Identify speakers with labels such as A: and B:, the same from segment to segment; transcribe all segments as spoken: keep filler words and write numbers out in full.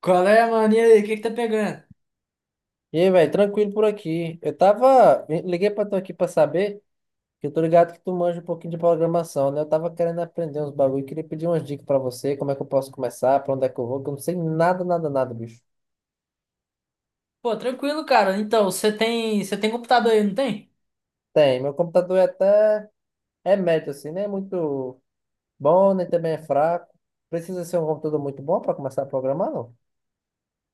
A: Qual é, mano? E aí, o que que tá pegando?
B: E aí, velho, tranquilo por aqui. Eu tava. Liguei pra tu aqui pra saber, que eu tô ligado que tu manja um pouquinho de programação, né? Eu tava querendo aprender uns bagulho, queria pedir umas dicas pra você, como é que eu posso começar, pra onde é que eu vou, que eu não sei nada, nada, nada, bicho.
A: Pô, tranquilo, cara. Então, você tem, você tem computador aí, não tem?
B: Tem, meu computador é até. É médio, assim, né? É muito bom, nem também é fraco. Precisa ser um computador muito bom pra começar a programar, não?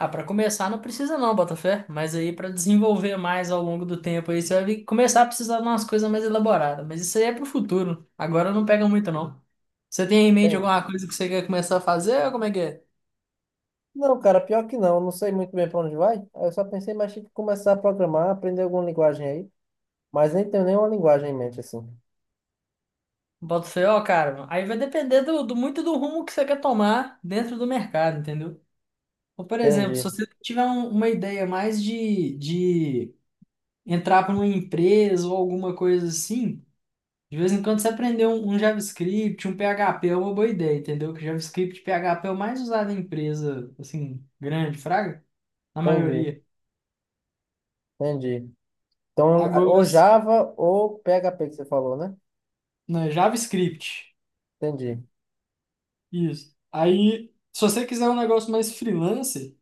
A: Ah, pra começar não precisa não, Botafé. Mas aí pra desenvolver mais ao longo do tempo aí, você vai vir- começar a precisar de umas coisas mais elaboradas. Mas isso aí é pro futuro. Agora não pega muito não. Você tem em mente
B: Tem.
A: alguma coisa que você quer começar a fazer ou como é que é?
B: Não, cara, pior que não, eu não sei muito bem pra onde vai. Aí eu só pensei, mas tinha que começar a programar, aprender alguma linguagem aí, mas nem tenho nenhuma linguagem em mente, assim.
A: Botafé, ó, cara. Aí vai depender do, do- muito do rumo que você quer tomar dentro do mercado, entendeu? Ou, por exemplo, se
B: Entendi.
A: você tiver um- uma ideia mais de, de entrar para uma empresa ou alguma coisa assim, de vez em quando você aprender um, um JavaScript, um P H P é uma boa ideia, entendeu? Que JavaScript e P H P é o mais usado em empresa, assim, grande, fraga, na
B: Entendi,
A: maioria.
B: entendi. Então, a-
A: Agora,
B: ou
A: s-
B: Java ou P H P que você falou, né?
A: né, JavaScript,
B: Entendi,
A: isso. Aí, se você quiser um negócio mais freelancer,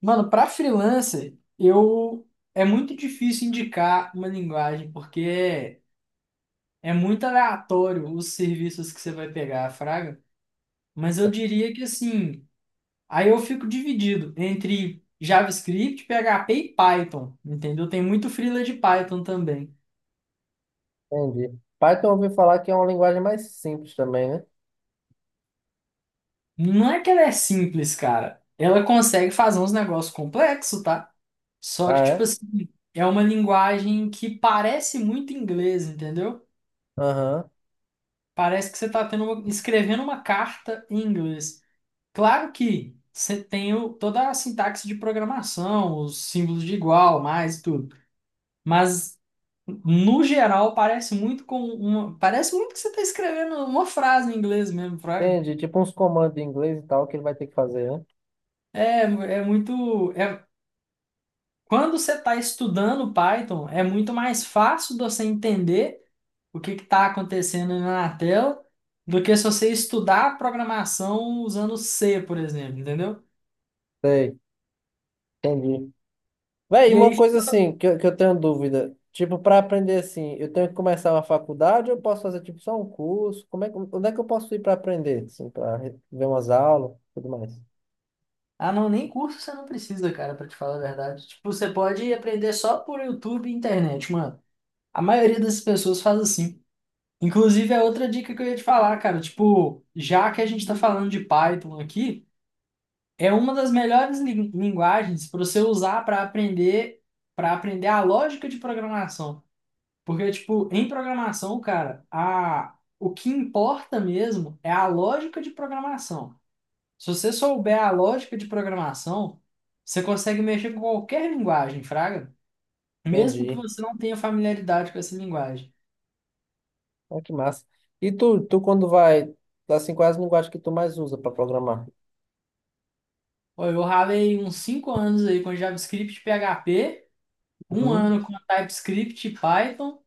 A: mano, para freelancer, eu... É muito difícil indicar uma linguagem, porque é, é muito aleatório os serviços que você vai pegar, fraga. Mas eu diria que, assim, aí eu fico dividido entre JavaScript, P H P e Python, entendeu? Tem muito freela de Python também.
B: entendi. Python eu ouvi falar que é uma linguagem mais simples também, né?
A: Não é que ela é simples, cara. Ela consegue fazer uns negócios complexos, tá? Só que,
B: Ah,
A: tipo
B: é?
A: assim, é uma linguagem que parece muito inglês, entendeu?
B: Aham.
A: Parece que você tá tendo uma- escrevendo uma carta em inglês. Claro que você tem o- toda a sintaxe de programação, os símbolos de igual, mais e tudo. Mas no geral, parece muito com uma. Parece muito que você está escrevendo uma frase em inglês mesmo, fraga.
B: Entendi. Tipo uns comandos em inglês e tal que ele vai ter que fazer, né?
A: É, é muito. É, Quando você está estudando Python, é muito mais fácil de você entender o que está acontecendo na tela do que se você estudar programação usando C, por exemplo, entendeu?
B: Sei, entendi. Véi, e
A: E
B: uma
A: aí,
B: coisa assim que eu, que eu tenho dúvida. Tipo, para aprender assim, eu tenho que começar uma faculdade ou eu posso fazer tipo só um curso? Como é, que- onde é que eu posso ir para aprender? Assim, para ver umas aulas e tudo mais.
A: ah, não, nem curso você não precisa, cara, para te falar a verdade. Tipo, você pode aprender só por YouTube e internet, mano. A maioria das pessoas faz assim. Inclusive, é outra dica que eu ia te falar, cara. Tipo, já que a gente está falando de Python aqui, é uma das melhores lin- linguagens para você usar para aprender para aprender a lógica de programação. Porque, tipo, em programação, cara, a, o que importa mesmo é a lógica de programação. Se você souber a lógica de programação, você consegue mexer com qualquer linguagem, fraga. Mesmo que
B: Entendi.
A: você não tenha familiaridade com essa linguagem.
B: Ah, que massa. E tu, tu quando vai, tá assim, quais as linguagens que tu mais usa para programar?
A: Ó, eu ralei uns cinco anos aí com JavaScript e P H P, um
B: Uhum.
A: ano com TypeScript e Python,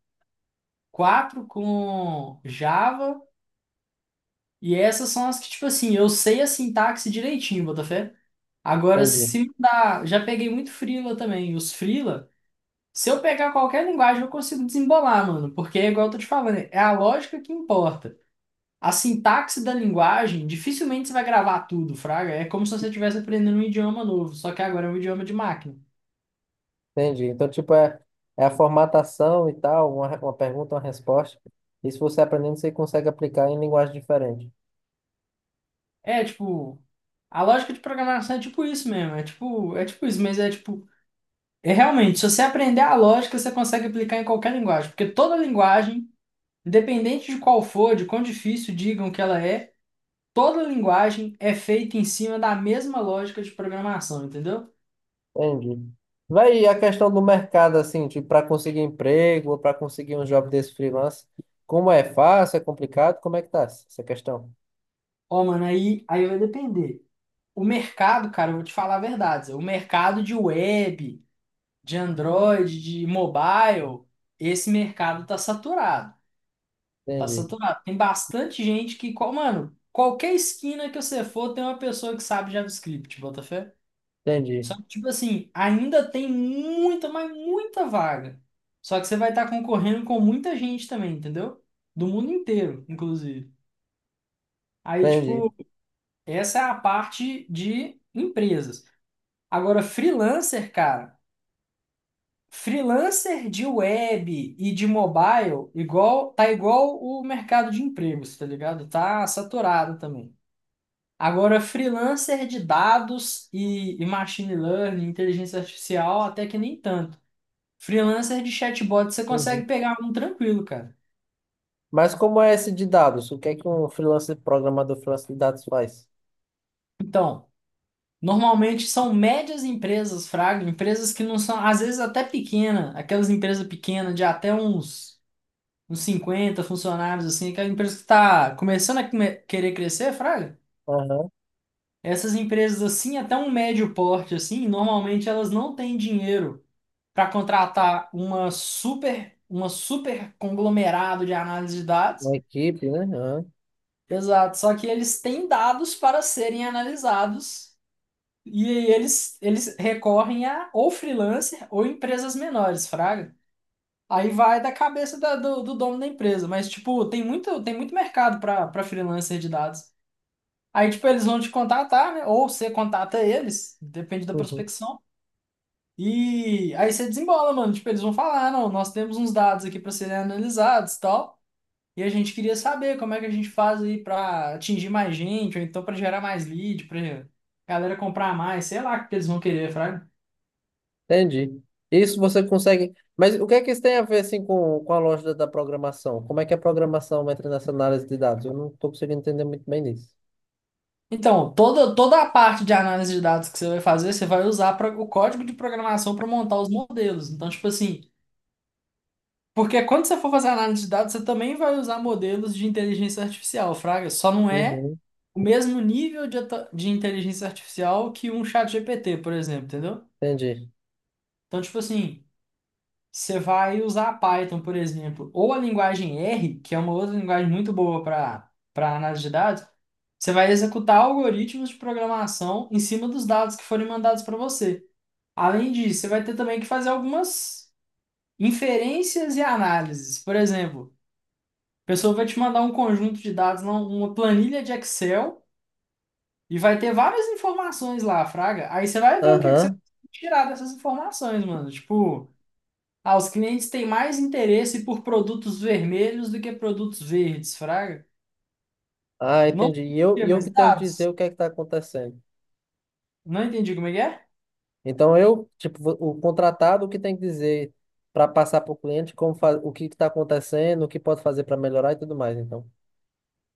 A: quatro com Java, e essas são as que, tipo assim, eu sei a sintaxe direitinho, Botafé. Agora,
B: Entendi,
A: se dá, já peguei muito freela também, os freela, se eu pegar qualquer linguagem eu consigo desembolar, mano, porque é igual eu tô te falando, é a lógica que importa. A sintaxe da linguagem, dificilmente você vai gravar tudo, fraga. É como se você estivesse aprendendo um idioma novo, só que agora é um idioma de máquina.
B: entendi. Então, tipo, é, é a formatação e tal, uma, re- uma pergunta, uma resposta. E se você aprendendo, você consegue aplicar em linguagem diferente.
A: É, tipo, A lógica de programação é tipo isso mesmo, é tipo, é tipo isso, mas é tipo, é realmente, se você aprender a lógica, você consegue aplicar em qualquer linguagem, porque toda linguagem, independente de qual for, de quão difícil digam que ela é, toda linguagem é feita em cima da mesma lógica de programação, entendeu?
B: Entendi. Vai e a questão do mercado, assim, tipo, para conseguir emprego ou para conseguir um job desse freelance, como é fácil, é complicado, como é que tá essa questão?
A: Ó, mano, aí, aí vai depender. O mercado, cara, eu vou te falar a verdade, Zé, o mercado de web, de Android, de mobile, esse mercado tá saturado. Tá
B: Entendi,
A: saturado. Tem bastante gente que, qual- mano, qualquer esquina que você for, tem uma pessoa que sabe JavaScript, Botafé.
B: entendi,
A: Só que, tipo assim, ainda tem muita, mas muita vaga. Só que você vai estar concorrendo com muita gente também, entendeu? Do mundo inteiro, inclusive. Aí,
B: entendi.
A: tipo, essa é a parte de empresas. Agora, freelancer, cara, freelancer de web e de mobile, igual, tá igual o mercado de empregos, tá ligado? Tá saturado também. Agora, freelancer de dados e, e machine learning, inteligência artificial, até que nem tanto. Freelancer de chatbot, você
B: Uhum.
A: consegue pegar um tranquilo, cara.
B: Mas como é esse de dados? O que é que um freelancer, programador freelancer de dados faz?
A: Então, normalmente são médias empresas, fraga, empresas que não são, às vezes até pequena, aquelas empresas pequenas de até uns, uns cinquenta funcionários, assim, aquela empresa que está começando a come- querer crescer, fraga.
B: Aham.
A: Essas empresas, assim, até um médio porte, assim, normalmente elas não têm dinheiro para contratar uma super, uma super conglomerado de análise de dados.
B: Uma equipe, né? Aham,
A: Exato, só que eles têm dados para serem analisados e aí eles, eles recorrem a ou freelancer ou empresas menores, fraga. Aí vai da cabeça da- do, do dono da empresa, mas tipo, tem muito, tem muito mercado para para freelancer de dados. Aí tipo, eles vão te contatar, né? Ou você contata eles, depende da
B: uhum.
A: prospecção. E aí você desembola, mano. Tipo, eles vão falar, não, nós temos uns dados aqui para serem analisados, e tal. E a gente queria saber como é que a gente faz aí para atingir mais gente, ou então para gerar mais lead, para galera comprar mais, sei lá o que eles vão querer, fraga.
B: Entendi. Isso você consegue. Mas o que é que isso tem a ver assim com, com a lógica da programação? Como é que a programação entra nessa análise de dados? Eu não estou conseguindo entender muito bem disso.
A: Então, toda, toda a parte de análise de dados que você vai fazer, você vai usar pra- o código de programação para montar os modelos. Então, tipo assim, porque quando você for fazer análise de dados, você também vai usar modelos de inteligência artificial, fraga. Só não é
B: Uhum.
A: o mesmo nível de, ata- de inteligência artificial que um chat G P T, por exemplo, entendeu?
B: Entendi.
A: Então, tipo assim, você vai usar Python, por exemplo, ou a linguagem R, que é uma outra linguagem muito boa para para análise de dados, você vai executar algoritmos de programação em cima dos dados que forem mandados para você. Além disso, você vai ter também que fazer algumas inferências e análises. Por exemplo, a pessoa vai te mandar um conjunto de dados, não- uma planilha de Excel, e vai ter várias informações lá, fraga. Aí você vai ver o que que você
B: Aham.
A: consegue tirar dessas informações, mano. Tipo, ah, os clientes têm mais interesse por produtos vermelhos do que produtos verdes, fraga.
B: Ah,
A: Não
B: entendi. E eu, e
A: entendi,
B: eu
A: mas
B: que tenho que
A: dados.
B: dizer o que é que está acontecendo.
A: Não entendi como é que é?
B: Então eu, tipo, vo- o contratado, o que tem que dizer para passar para o cliente como fa- o que está acontecendo, o que pode fazer para melhorar e tudo mais, então.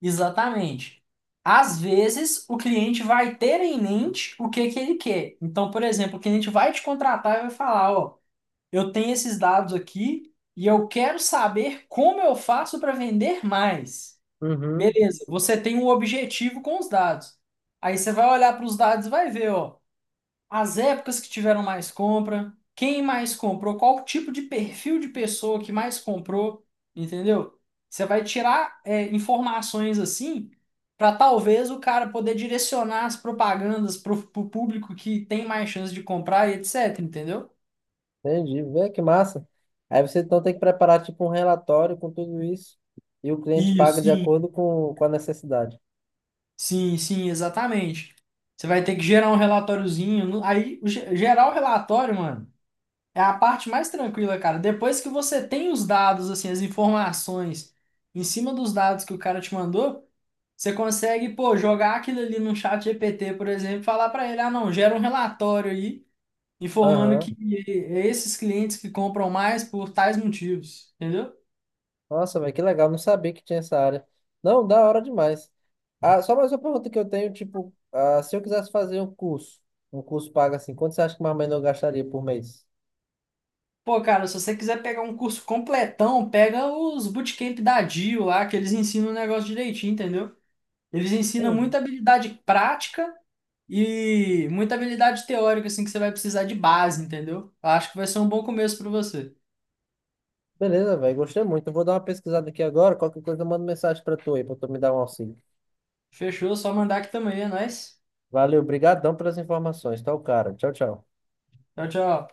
A: Exatamente. Às vezes, o cliente vai ter em mente o que que ele quer. Então, por exemplo, o cliente vai te contratar e vai falar, ó, eu tenho esses dados aqui e eu quero saber como eu faço para vender mais.
B: Uhum,
A: Beleza, você tem um objetivo com os dados. Aí você vai olhar para os dados e vai ver, ó, as épocas que tiveram mais compra, quem mais comprou, qual tipo de perfil de pessoa que mais comprou, entendeu? Você vai tirar, é, informações assim para talvez o cara poder direcionar as propagandas para o público que tem mais chance de comprar e etc, entendeu?
B: entendi. Vê que massa. Aí você então tem que preparar tipo um relatório com tudo isso e o cliente paga
A: Isso,
B: de acordo com, com a necessidade.
A: sim, sim, exatamente. Você vai ter que gerar um relatóriozinho. no- Aí, o ge- gerar o relatório, mano, é a parte mais tranquila, cara. Depois que você tem os dados, assim, as informações em cima dos dados que o cara te mandou, você consegue, pô, jogar aquilo ali no chat G P T, por exemplo, e falar pra ele, ah, não, gera um relatório aí, informando que
B: Aham.
A: é esses clientes que compram mais por tais motivos, entendeu?
B: Nossa, velho, que legal. Não sabia que tinha essa área. Não, da hora demais. Ah, só mais uma pergunta que eu tenho, tipo, ah, se eu quisesse fazer um curso, um curso pago assim, quanto você acha que mais ou menos eu gastaria por mês?
A: Pô, cara, se você quiser pegar um curso completão, pega os bootcamp da diu lá, que eles ensinam o negócio direitinho, entendeu? Eles ensinam
B: Hum,
A: muita habilidade prática e muita habilidade teórica, assim, que você vai precisar de base, entendeu? Eu acho que vai ser um bom começo pra você.
B: beleza, velho, gostei muito. Eu vou dar uma pesquisada aqui agora, qualquer coisa eu mando mensagem pra tu aí, pra tu me dar um auxílio.
A: Fechou? Só mandar aqui também, é nóis.
B: Valeu, brigadão pelas informações. Tá o cara. Tchau, tchau.
A: Tchau, tchau.